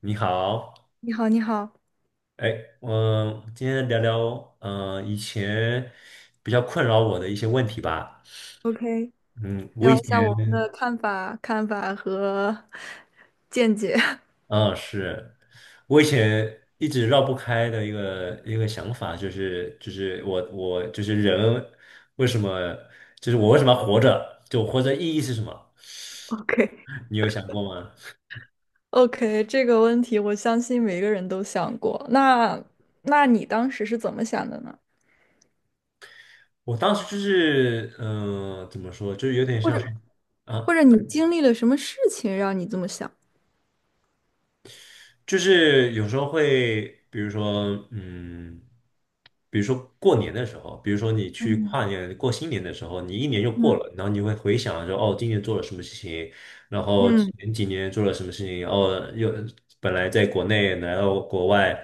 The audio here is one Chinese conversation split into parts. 你好。你好，你好哎，我今天聊聊，以前比较困扰我的一些问题吧。，OK，聊一下我们的看法和 见解。嗯，是我以前一直绕不开的一个想法，就是我就是人为什么，就是我为什么要活着？就我活着意义是什么？OK，你有想过吗？OK，这个问题我相信每个人都想过。那，那你当时是怎么想的呢？我当时就是，怎么说，就是有点或像者，是。或啊。者你经历了什么事情让你这么想？就是有时候会，比如说，比如说过年的时候，比如说你去嗯跨年、过新年的时候，你一年就过嗯了，然后你会回想说，哦，今年做了什么事情，然后嗯前几年做了什么事情，然后又本来在国内来到国外，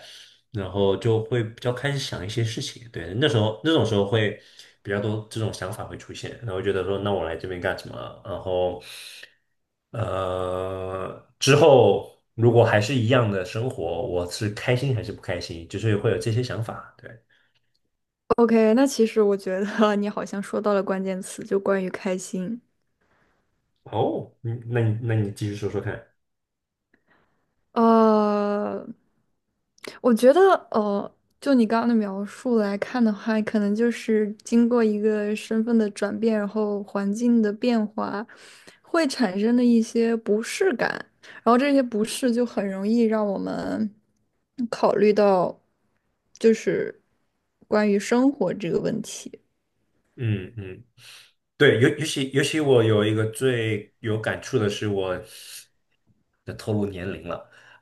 然后就会比较开始想一些事情。对。那时候那种时候会比较多这种想法会出现，然后觉得说，那我来这边干什么？然后，之后如果还是一样的生活，我是开心还是不开心？就是会有这些想法。对。，OK，那其实我觉得 你好像说到了关键词，就关于开心。哦，嗯，那你那你继续说说看。呃，我觉得，呃，就你刚刚的描述来看的话，可能就是经过一个身份的转变，然后环境的变化，会产生的一些不适感，然后这些不适就很容易让我们考虑到，就是关于生活这个问题。嗯嗯，对，尤其我有一个最有感触的是我，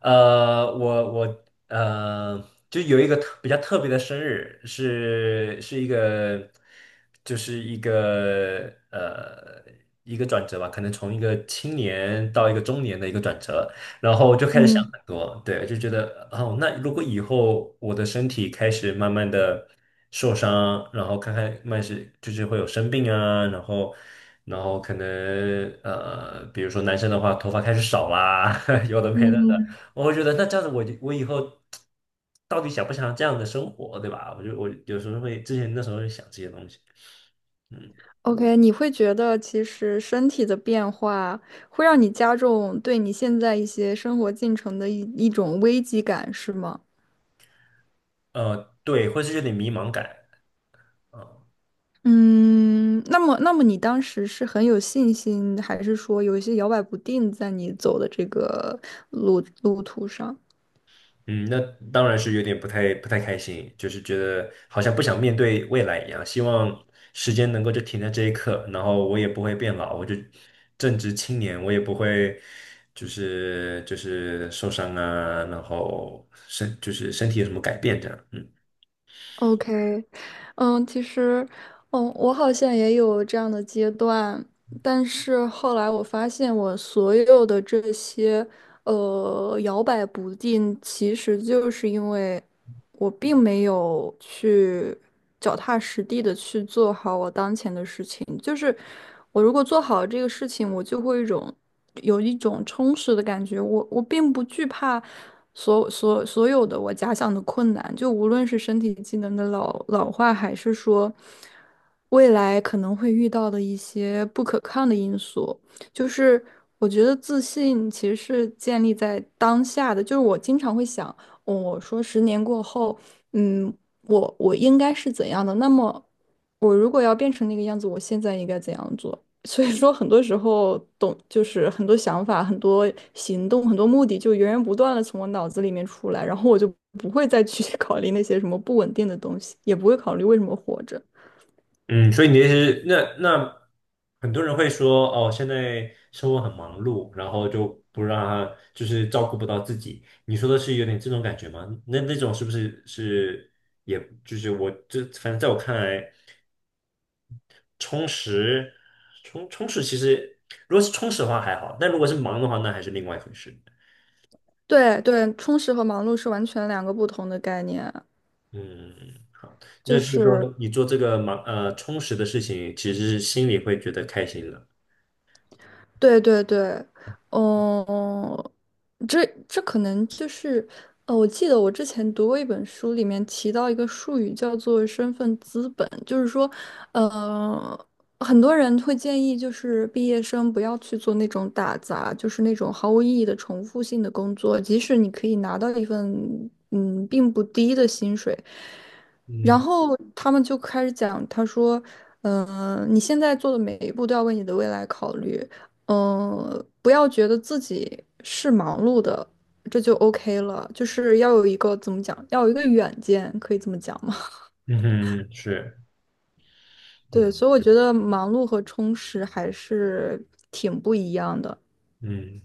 呃，就有一个比较特别的生日，是一个，就是一个一个转折吧，可能从一个青年到一个中年的一个转折，然后就开始想很嗯。多。对，就觉得哦，那如果以后我的身体开始慢慢的受伤，然后看看慢是就是会有生病啊，然后。然后可能，比如说男生的话，头发开始少啦，有的没的的。我会觉得那这样子我以后到底想不想这样的生活，对吧？我有时候会，之前那时候会想这些东西，嗯。 OK，你会觉得其实身体的变化会让你加重对你现在一些生活进程的一种危机感，是吗？对，会是有点迷茫感啊。嗯，那么，那么你当时是很有信心，还是说有一些摇摆不定在你走的这个路途上？嗯，那当然是有点不太开心，就是觉得好像不想面对未来一样，希望时间能够就停在这一刻，然后我也不会变老，我就正值青年，我也不会受伤啊，然后就是身体有什么改变这样，嗯。OK，嗯，其实，嗯，我好像也有这样的阶段，但是后来我发现，我所有的这些，摇摆不定，其实就是因为。我并没有去脚踏实地的去做好我当前的事情，就是我如果做好这个事情，我就会一种有一种充实的感觉。我并不惧怕所有的我假想的困难，就无论是身体机能的老化，还是说未来可能会遇到的一些不可抗的因素。就是我觉得自信其实是建立在当下的，就是我经常会想。我说十年过后，嗯，我应该是怎样的？那么，我如果要变成那个样子，我现在应该怎样做？所以说，很多时候懂，就是很多想法、很多行动、很多目的，就源源不断的从我脑子里面出来，然后我就不会再去 考虑那些什么不稳定的东西，也不会考虑为什么活着。嗯，所以你的意思是，很多人会说，哦，现在生活很忙碌，然后就不让他就是照顾不到自己。你说的是有点这种感觉吗？那那种是不是是，也就是我这，反正在我看来，充实充实其实如果是充实的话还好，但如果是忙的话，那还是另外一回事。对对，充实和忙碌是完全两个不同的概念啊嗯，好，就那就是是。说你做这个充实的事情，其实是心里会觉得开心的。对对对，嗯，这可能就是，我记得我之前读过一本书，里面提到一个术语叫做身份资本，就是说，呃，很多人会建议就是毕业生不要去做那种打杂，就是那种毫无意义的重复性的工作，即使你可以拿到一份嗯并不低的薪水。然嗯后他们就开始讲，他说：你现在做的每一步都要为你的未来考虑，嗯、不要觉得自己是忙碌的，这就 OK 了。就是要有一个怎么讲，要有一个远见，可以这么讲吗？嗯哼，是，对，所以我觉得忙碌和充实还是挺不一样的。嗯。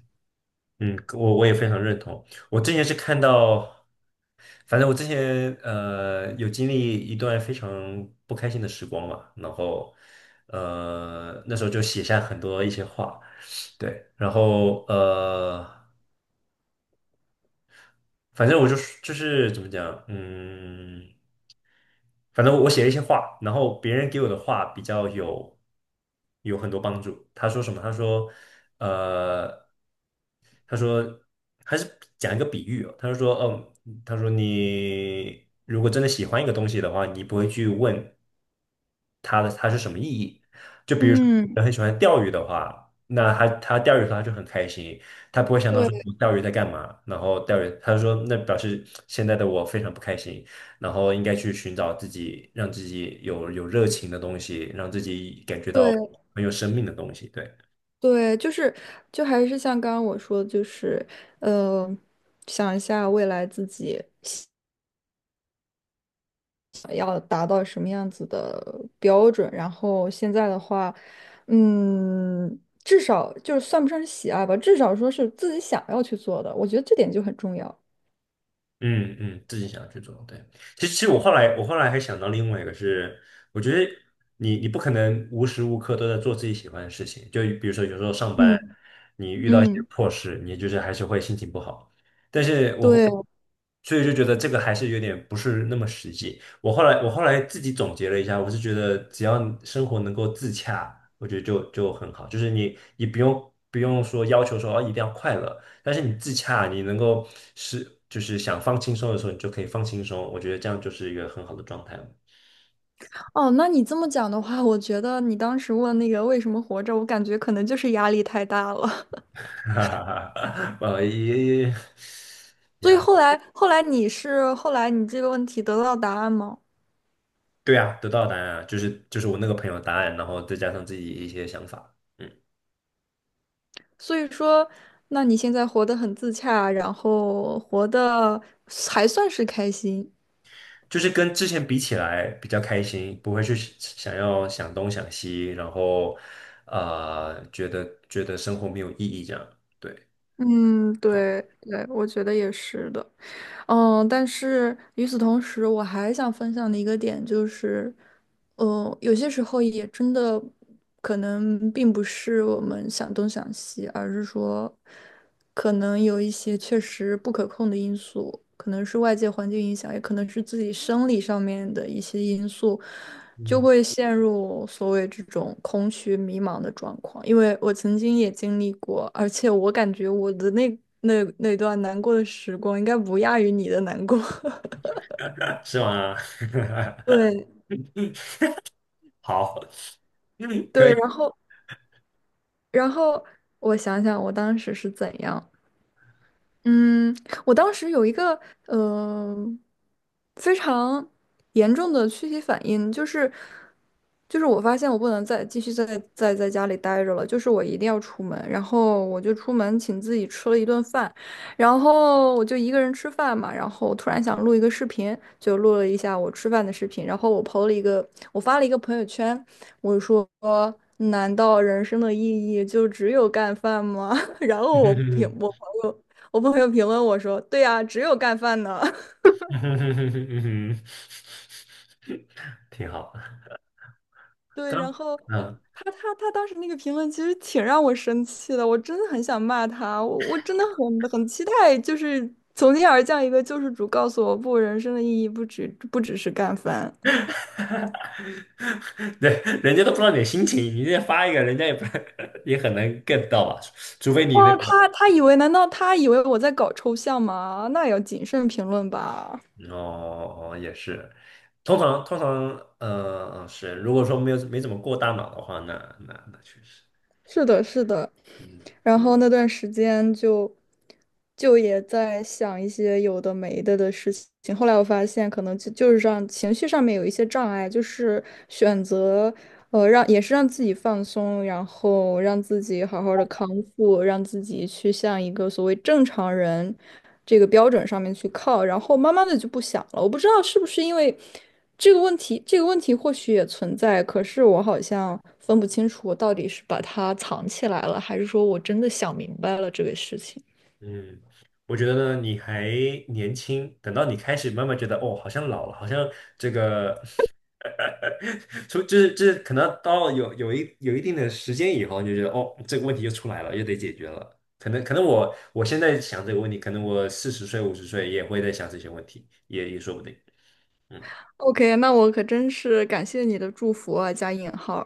嗯，我也非常认同。我之前是看到，反正我之前有经历一段非常不开心的时光嘛，然后，那时候就写下很多一些话，对。然后，反正我怎么讲，嗯。反正我写了一些话，然后别人给我的话比较有很多帮助。他说什么？他说，呃，他说还是讲一个比喻哦。他就说，嗯，他说你如果真的喜欢一个东西的话，你不会去问它是什么意义。就比如说，嗯，人很喜欢钓鱼的话，那他钓鱼的时候他就很开心，他不会想到说对我钓鱼在干嘛，然后钓鱼，他就说那表示现在的我非常不开心。然后应该去寻找自己，让自己有热情的东西，让自己感觉到对很有生命的东西。对。对，就还是像刚刚我说的，就是呃，想一下未来自己。”标准。然后现在的话，嗯，至少就是算不上是喜爱吧，至少说是自己想要去做的，我觉得这点就很重要。嗯嗯，自己想要去做，对。其实我后来，我后来还想到另外一个是，我觉得你不可能无时无刻都在做自己喜欢的事情，就比如说有时候上班，嗯你遇到一些嗯，破事，你就是还是会心情不好。但是我后，对所以就觉得这个还是有点不是那么实际。我后来自己总结了一下，我是觉得只要生活能够自洽，我觉得就很好，就是你不用说要求说哦一定要快乐。但是你自洽，你能够是就是想放轻松的时候，你就可以放轻松。我觉得这样就是一个很好的状态了。哦，那你这么讲的话，我觉得你当时问那个为什么活着，我感觉可能就是压力太大了。哈哈哈。呃，也所以后来，后来你是后来你这个问题得到答案吗？对啊，得到的答案啊，就是我那个朋友的答案，然后再加上自己一些想法。嗯，所以说，那你现在活得很自洽，然后活得还算是开心。就是跟之前比起来比较开心，不会去想要想东想西，然后，觉得生活没有意义这样，对。嗯，好。对对，我觉得也是的。嗯，但是与此同时，我还想分享的一个点就是，有些时候也真的可能并不是我们想东想西，而是说，可能有一些确实不可控的因素，可能是外界环境影响，也可能是自己生理上面的一些因素，就嗯。会陷入所谓这种空虚迷茫的状况，因为我曾经也经历过，而且我感觉我的那段难过的时光应该不亚于你的难过。是吗？对 好，嗯，可对，以。然后我想想我当时是怎样，嗯，我当时有一个呃非常严重的躯体反应，就是我发现我不能再继续在家里待着了，就是我一定要出门，然后我就出门请自己吃了一顿饭，然后我就一个人吃饭嘛，然后突然想录一个视频，就录了一下我吃饭的视频，然后我 PO 了一个，我发了一个朋友圈，我说。难道人生的意义就只有干饭吗？然后友我朋友评论我说：“对呀、啊只有干饭呢。嗯哼哼哼哼嗯哼，挺好。对，刚，然后嗯。他当时那个评论其实挺让我生气的，我真的很想骂他，我真的很期待，就是从天而降一个救世主，告诉我不，人生的意义不只是干饭。对，人家都不知道你的心情，你这发一个，人家也不 也很难 get 到吧？除非你那哇，他个，他以为难道他以为我在搞抽象吗？那也要谨慎评论吧。哦，哦哦，也是。通常，呃是，如果说没有没怎么过大脑的话，那确实。是的，是的。嗯然后那段时间就也在想一些有的没的的事情。后来我发现，可能就是让情绪上面有一些障碍，就是选择让也是让自己放松，然后让自己好好的康复，让自己去向一个所谓正常人这个标准上面去靠，然后慢慢的就不想了。我不知道是不是因为这个问题，这个问题或许也存在，可是我好像分不清楚我到底是把它藏起来了，还是说我真的想明白了这个事情。嗯，我觉得呢，你还年轻，等到你开始慢慢觉得，哦，好像老了，好像这个 哈，就是可能到有一定的时间以后，你就觉得哦，这个问题就出来了，又得解决了。可能我现在想这个问题，可能我40岁50岁也会在想这些问题，也也说不定。嗯。OK，那我可真是感谢你的祝福啊，加引号。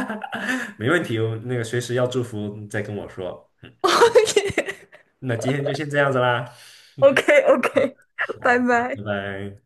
没问题，我那个随时要祝福再跟我说。那今天就先这样子啦，OK，拜好，好拜拜。拜。